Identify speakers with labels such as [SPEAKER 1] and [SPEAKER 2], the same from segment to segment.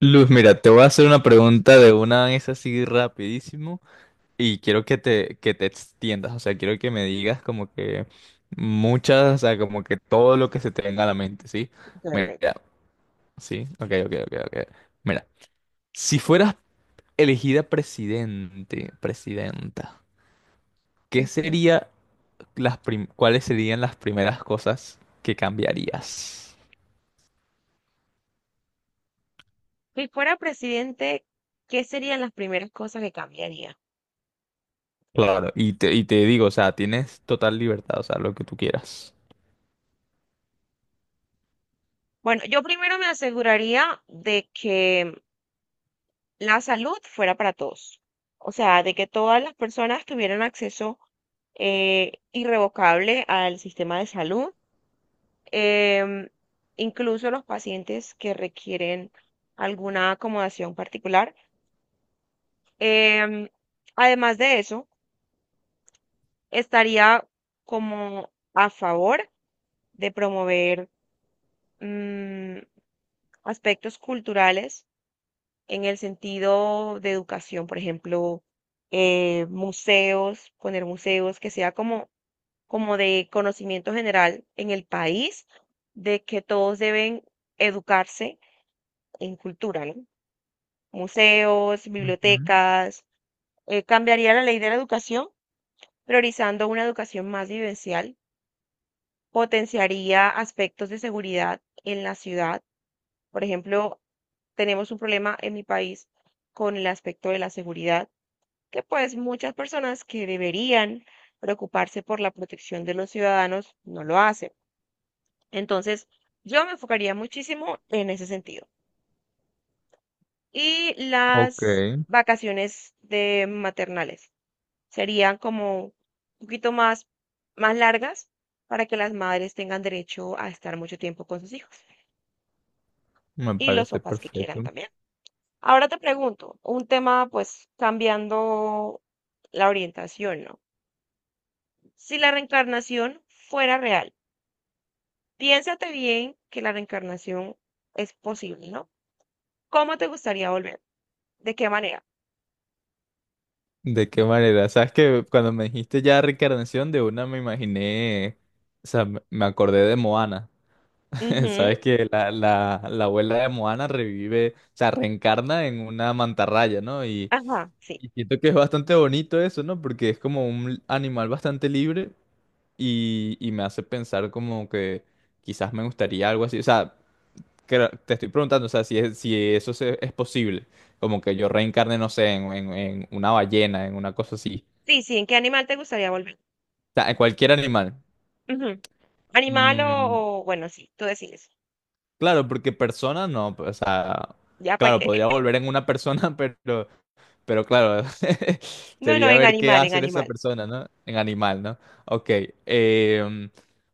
[SPEAKER 1] Luz, mira, te voy a hacer una pregunta de una vez así rapidísimo y quiero que te extiendas, o sea, quiero que me digas como que muchas, o sea, como que todo lo que se te venga a la mente, ¿sí?
[SPEAKER 2] Ok,
[SPEAKER 1] Mira,
[SPEAKER 2] ok.
[SPEAKER 1] sí, ok, ok, ok, ok. Mira, si fueras elegida presidente, presidenta, ¿qué
[SPEAKER 2] Ujú.
[SPEAKER 1] sería las prim- ¿cuáles serían las primeras cosas que cambiarías?
[SPEAKER 2] Si fuera presidente, ¿qué serían las primeras cosas que cambiaría?
[SPEAKER 1] Claro, y te digo, o sea, tienes total libertad, o sea, lo que tú quieras.
[SPEAKER 2] Bueno, yo primero me aseguraría de que la salud fuera para todos. O sea, de que todas las personas tuvieran acceso irrevocable al sistema de salud. em, Incluso los pacientes que requieren alguna acomodación particular. Em, Además de eso, estaría como a favor de promover mm, aspectos culturales en el sentido de educación, por ejemplo, museos, poner museos que sea como, como de conocimiento general en el país, de que todos deben educarse en cultura, ¿no? Museos,
[SPEAKER 1] Ujú.
[SPEAKER 2] bibliotecas, cambiaría la ley de la educación, priorizando una educación más vivencial, potenciaría aspectos de seguridad en la ciudad, por ejemplo, tenemos un problema en mi país con el aspecto de la seguridad, que pues muchas personas que deberían preocuparse por la protección de los ciudadanos no lo hacen. Entonces, yo me enfocaría muchísimo en ese sentido. Y
[SPEAKER 1] Ok,
[SPEAKER 2] las vacaciones de maternales serían como un poquito más, más largas para que las madres tengan derecho a estar mucho tiempo con sus hijos
[SPEAKER 1] me
[SPEAKER 2] y los
[SPEAKER 1] parece
[SPEAKER 2] papás que quieran
[SPEAKER 1] perfecto.
[SPEAKER 2] también. Ahora te pregunto, un tema pues cambiando la orientación, ¿no? Si la reencarnación fuera real, piénsate bien que la reencarnación es posible, ¿no? ¿Cómo te gustaría volver? ¿De qué manera?
[SPEAKER 1] ¿De qué manera? Sabes que cuando me dijiste ya reencarnación de una me imaginé, o sea, me acordé de Moana.
[SPEAKER 2] Ujú.
[SPEAKER 1] Sabes que la abuela de Moana revive, o sea, reencarna en una mantarraya, ¿no? Y,
[SPEAKER 2] Ajá, sí.
[SPEAKER 1] y siento que es bastante bonito eso, ¿no? Porque es como un animal bastante libre y me hace pensar como que quizás me gustaría algo así. O sea, te estoy preguntando, o sea, si eso es posible, como que yo reencarne, no sé, en una ballena, en una cosa así,
[SPEAKER 2] Sí, sí, ¿en qué animal te gustaría volver?
[SPEAKER 1] o sea, en cualquier animal.
[SPEAKER 2] Ujú. ¿Animal
[SPEAKER 1] Mm,
[SPEAKER 2] o- bueno, sí, tú decides.
[SPEAKER 1] claro, porque persona no, pues, o sea,
[SPEAKER 2] ¿Ya para
[SPEAKER 1] claro,
[SPEAKER 2] qué?
[SPEAKER 1] podría volver en una persona, pero claro,
[SPEAKER 2] No, no,
[SPEAKER 1] sería
[SPEAKER 2] en
[SPEAKER 1] ver qué va a
[SPEAKER 2] animal, en
[SPEAKER 1] hacer esa
[SPEAKER 2] animal.
[SPEAKER 1] persona, ¿no? En animal, ¿no? Ok,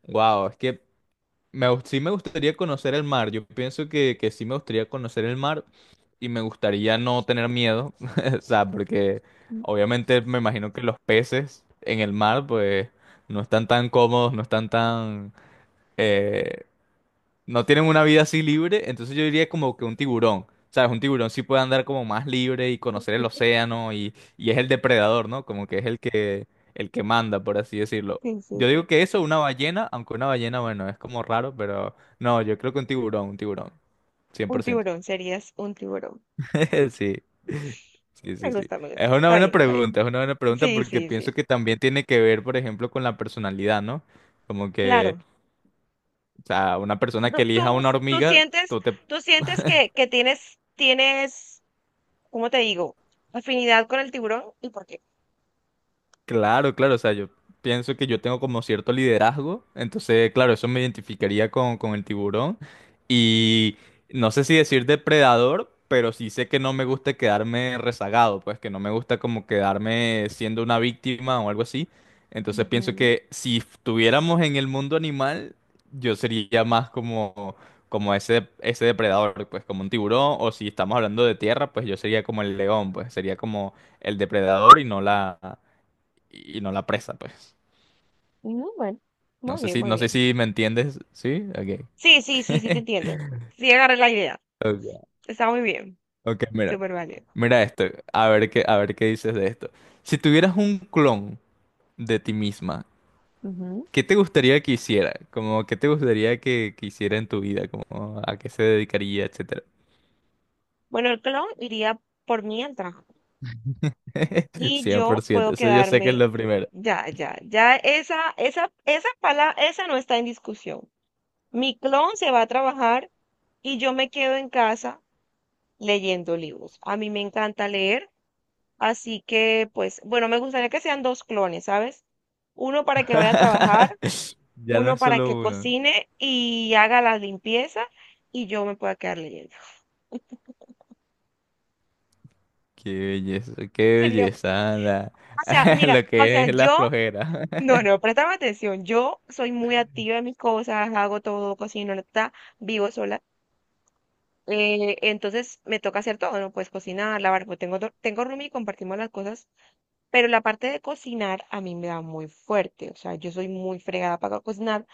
[SPEAKER 1] wow, es que sí me gustaría conocer el mar, yo pienso que sí me gustaría conocer el mar, y me gustaría no tener miedo, o sea, porque
[SPEAKER 2] Mm.
[SPEAKER 1] obviamente me imagino que los peces en el mar, pues, no están tan cómodos, no están tan, eh, no tienen una vida así libre, entonces yo diría como que un tiburón, ¿sabes? Un tiburón sí puede andar como más libre y conocer el océano y es el depredador, ¿no? Como que es el que manda, por así decirlo.
[SPEAKER 2] Sí, sí,
[SPEAKER 1] Yo
[SPEAKER 2] sí.
[SPEAKER 1] digo que eso, una ballena, aunque una ballena, bueno, es como raro, pero no, yo creo que un tiburón, cien
[SPEAKER 2] Un
[SPEAKER 1] por ciento,
[SPEAKER 2] tiburón, serías un tiburón.
[SPEAKER 1] Sí. Sí,
[SPEAKER 2] Me
[SPEAKER 1] sí, sí.
[SPEAKER 2] gusta, me
[SPEAKER 1] Es
[SPEAKER 2] gusta.
[SPEAKER 1] una
[SPEAKER 2] Está
[SPEAKER 1] buena
[SPEAKER 2] bien, está bien.
[SPEAKER 1] pregunta, es una buena pregunta
[SPEAKER 2] Sí,
[SPEAKER 1] porque
[SPEAKER 2] sí,
[SPEAKER 1] pienso
[SPEAKER 2] sí.
[SPEAKER 1] que también tiene que ver, por ejemplo, con la personalidad, ¿no? Como que,
[SPEAKER 2] Claro.
[SPEAKER 1] o sea, una persona que
[SPEAKER 2] No, tú,
[SPEAKER 1] elija una
[SPEAKER 2] tú
[SPEAKER 1] hormiga,
[SPEAKER 2] sientes,
[SPEAKER 1] tú te
[SPEAKER 2] tú sientes que tienes, tienes, ¿cómo te digo? Afinidad con el tiburón y por qué.
[SPEAKER 1] Claro, claro, o sea, yo pienso que yo tengo como cierto liderazgo, entonces, claro, eso me identificaría con el tiburón y no sé si decir depredador, pero sí sé que no me gusta quedarme rezagado, pues que no me gusta como quedarme siendo una víctima o algo así, entonces pienso
[SPEAKER 2] Ujú.
[SPEAKER 1] que si estuviéramos en el mundo animal, yo sería más como ese depredador, pues como un tiburón, o si estamos hablando de tierra, pues yo sería como el león, pues sería como el depredador y no la presa, pues.
[SPEAKER 2] No, bueno,
[SPEAKER 1] No
[SPEAKER 2] muy
[SPEAKER 1] sé
[SPEAKER 2] bien,
[SPEAKER 1] si,
[SPEAKER 2] muy
[SPEAKER 1] no sé
[SPEAKER 2] bien.
[SPEAKER 1] si me entiendes, ¿sí? Ok.
[SPEAKER 2] Sí, sí, sí, sí, te entiendo. Sí, agarré la idea.
[SPEAKER 1] Ok,
[SPEAKER 2] Está muy bien,
[SPEAKER 1] ok, mira.
[SPEAKER 2] súper válido.
[SPEAKER 1] Mira esto, a ver qué dices de esto. Si tuvieras un clon de ti misma,
[SPEAKER 2] Ujú.
[SPEAKER 1] ¿qué te gustaría que hiciera? Como, ¿qué te gustaría que hiciera en tu vida? Como, ¿a qué se dedicaría, etcétera?
[SPEAKER 2] Bueno, el clon iría por mí al trabajo y
[SPEAKER 1] cien por
[SPEAKER 2] yo
[SPEAKER 1] ciento
[SPEAKER 2] puedo
[SPEAKER 1] eso yo sé que es lo
[SPEAKER 2] quedarme.
[SPEAKER 1] primero.
[SPEAKER 2] Ya, ya, ya, esa palabra, esa no está en discusión. Mi clon se va a trabajar y yo me quedo en casa leyendo libros. A mí me encanta leer, así que pues, bueno, me gustaría que sean dos clones, ¿sabes? Uno para que vaya a trabajar,
[SPEAKER 1] Ya no
[SPEAKER 2] uno
[SPEAKER 1] es
[SPEAKER 2] para que
[SPEAKER 1] solo uno.
[SPEAKER 2] cocine y haga la limpieza y yo me pueda quedar leyendo.
[SPEAKER 1] Qué belleza, qué
[SPEAKER 2] Sería, o
[SPEAKER 1] belleza.
[SPEAKER 2] sea, mira,
[SPEAKER 1] Lo
[SPEAKER 2] o
[SPEAKER 1] que
[SPEAKER 2] sea,
[SPEAKER 1] es la
[SPEAKER 2] yo,
[SPEAKER 1] flojera.
[SPEAKER 2] no, no, préstame atención, yo soy muy activa en mis cosas, hago todo, cocino, la, ta, vivo sola. Entonces me toca hacer todo, ¿no? Pues cocinar, lavar, pues tengo, do- tengo roomie y compartimos las cosas. Pero la parte de cocinar a mí me da muy fuerte, o sea, yo soy muy fregada para cocinar,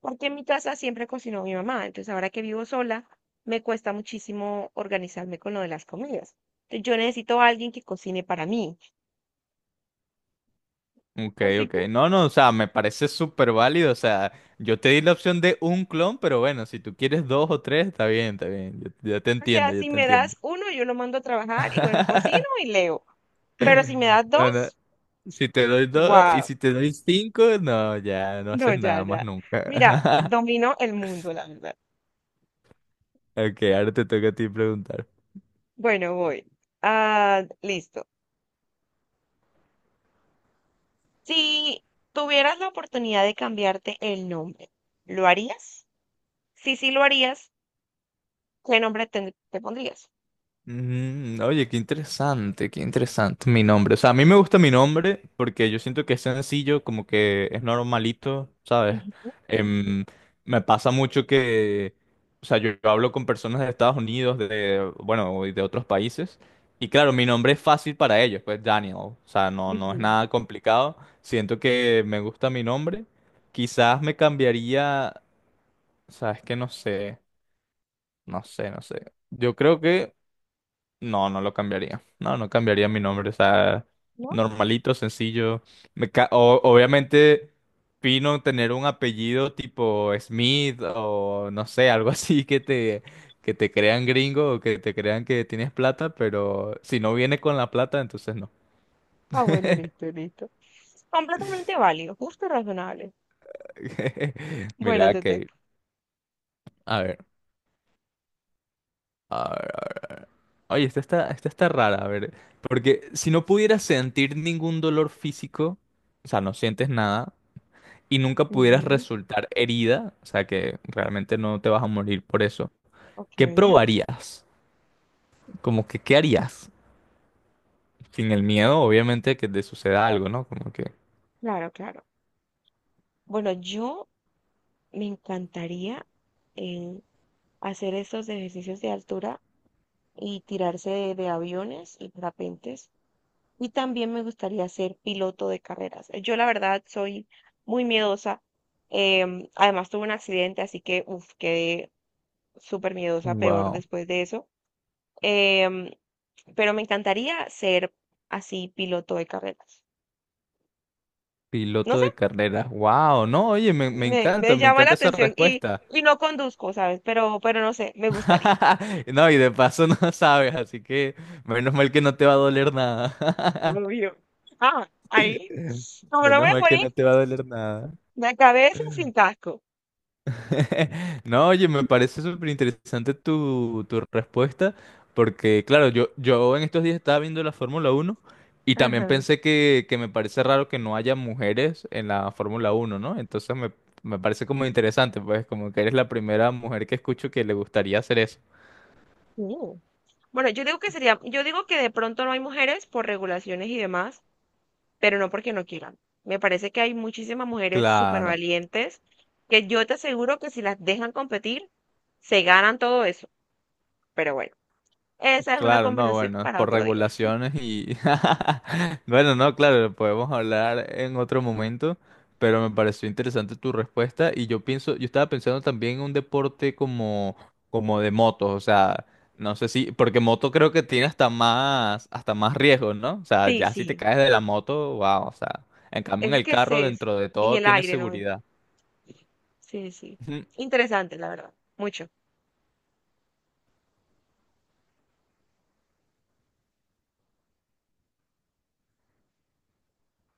[SPEAKER 2] porque en mi casa siempre cocinó mi mamá, entonces ahora que vivo sola, me cuesta muchísimo organizarme con lo de las comidas. Entonces yo necesito a alguien que cocine para mí.
[SPEAKER 1] Ok,
[SPEAKER 2] Así
[SPEAKER 1] ok.
[SPEAKER 2] que, o
[SPEAKER 1] No, no, o sea, me parece súper válido. O sea, yo te di la opción de un clon, pero bueno, si tú quieres dos o tres, está bien, está bien. Yo te entiendo,
[SPEAKER 2] sea,
[SPEAKER 1] yo
[SPEAKER 2] si
[SPEAKER 1] te
[SPEAKER 2] me
[SPEAKER 1] entiendo.
[SPEAKER 2] das uno, yo lo mando a trabajar y bueno, cocino y leo. Pero si me das
[SPEAKER 1] No, no.
[SPEAKER 2] dos,
[SPEAKER 1] Si te doy dos y
[SPEAKER 2] wow,
[SPEAKER 1] si te doy cinco, no, ya no
[SPEAKER 2] no,
[SPEAKER 1] haces
[SPEAKER 2] ya,
[SPEAKER 1] nada más
[SPEAKER 2] ya. Mira,
[SPEAKER 1] nunca.
[SPEAKER 2] domino el mundo, la verdad.
[SPEAKER 1] Ok, ahora te toca a ti preguntar.
[SPEAKER 2] Bueno, voy. Ah, listo. Si tuvieras la oportunidad de cambiarte el nombre, ¿lo harías? Si sí lo harías, ¿qué nombre te, te pondrías?
[SPEAKER 1] Oye, qué interesante mi nombre. O sea, a mí me gusta mi nombre porque yo siento que es sencillo, como que es normalito, ¿sabes?
[SPEAKER 2] Ujú,
[SPEAKER 1] Em, Me pasa mucho que, o sea, yo hablo con personas de Estados Unidos, de, bueno, y de otros países, y claro, mi nombre es fácil para ellos, pues Daniel, o sea, no, no es
[SPEAKER 2] ujú.
[SPEAKER 1] nada complicado. Siento que me gusta mi nombre. Quizás me cambiaría, o sea, es que no sé, no sé, no sé. Yo creo que... No, no lo cambiaría. No, no cambiaría mi nombre. O sea,
[SPEAKER 2] ¿No?
[SPEAKER 1] normalito, sencillo. Obviamente, fino tener un apellido tipo Smith o no sé, algo así que te crean gringo o que te crean que tienes plata, pero si no viene con la plata, entonces no.
[SPEAKER 2] Ah, bueno, listo, listo. Completamente válido, justo y razonable. Bueno,
[SPEAKER 1] Mira,
[SPEAKER 2] te
[SPEAKER 1] que
[SPEAKER 2] toca.
[SPEAKER 1] a ver, a ver, a ver. A ver. Oye, esta está rara, a ver. Porque si no pudieras sentir ningún dolor físico, o sea, no sientes nada, y nunca pudieras
[SPEAKER 2] Ujú.
[SPEAKER 1] resultar herida, o sea que realmente no te vas a morir por eso,
[SPEAKER 2] Ok,
[SPEAKER 1] ¿qué probarías? Como que, ¿qué harías? Sin el miedo, obviamente, que te suceda algo, ¿no? Como que,
[SPEAKER 2] claro, claro. Bueno, yo me encantaría eh, hacer estos ejercicios de altura y tirarse de aviones y parapentes. Y también me gustaría ser piloto de carreras. Yo la verdad soy muy miedosa. Además tuve un accidente, así que uf, quedé súper miedosa, peor
[SPEAKER 1] wow,
[SPEAKER 2] después de eso. em, pero me encantaría ser así piloto de carreras. No
[SPEAKER 1] piloto
[SPEAKER 2] sé,
[SPEAKER 1] de carreras, wow, no, oye, me
[SPEAKER 2] me,
[SPEAKER 1] encanta,
[SPEAKER 2] me
[SPEAKER 1] me
[SPEAKER 2] llama la
[SPEAKER 1] encanta esa
[SPEAKER 2] atención
[SPEAKER 1] respuesta.
[SPEAKER 2] y no conduzco, ¿sabes? Pero no sé, me gustaría.
[SPEAKER 1] No, y de paso no sabes, así que menos mal que no te va a doler nada.
[SPEAKER 2] Obvio. Ah, ahí. Como no voy
[SPEAKER 1] Menos
[SPEAKER 2] a
[SPEAKER 1] mal que
[SPEAKER 2] morir,
[SPEAKER 1] no te va a doler nada.
[SPEAKER 2] me acabé sin casco.
[SPEAKER 1] No, oye, me parece súper interesante tu respuesta, porque claro, yo en estos días estaba viendo la Fórmula Uno y también
[SPEAKER 2] Ajá,
[SPEAKER 1] pensé que me parece raro que no haya mujeres en la Fórmula Uno, ¿no? Entonces me parece como interesante, pues como que eres la primera mujer que escucho que le gustaría hacer eso.
[SPEAKER 2] sí. Bueno, yo digo que sería, yo digo que de pronto no hay mujeres por regulaciones y demás, pero no porque no quieran. Me parece que hay muchísimas mujeres súper
[SPEAKER 1] Claro.
[SPEAKER 2] valientes que yo te aseguro que si las dejan competir, se ganan todo eso. Pero bueno, esa es una
[SPEAKER 1] Claro, no,
[SPEAKER 2] conversación
[SPEAKER 1] bueno,
[SPEAKER 2] para
[SPEAKER 1] por
[SPEAKER 2] otro día.
[SPEAKER 1] regulaciones y... Bueno, no, claro, lo podemos hablar en otro momento, pero me pareció interesante tu respuesta y yo pienso, yo estaba pensando también en un deporte como, de motos, o sea, no sé si, porque moto creo que tiene hasta más riesgos, ¿no? O sea,
[SPEAKER 2] Sí,
[SPEAKER 1] ya si te
[SPEAKER 2] sí,
[SPEAKER 1] caes de la moto, wow, o sea, en cambio en
[SPEAKER 2] eso
[SPEAKER 1] el
[SPEAKER 2] que
[SPEAKER 1] carro
[SPEAKER 2] se es
[SPEAKER 1] dentro de
[SPEAKER 2] en
[SPEAKER 1] todo
[SPEAKER 2] el
[SPEAKER 1] tiene
[SPEAKER 2] aire, ¿no?
[SPEAKER 1] seguridad.
[SPEAKER 2] Sí, sí. Interesante, la verdad. Mucho.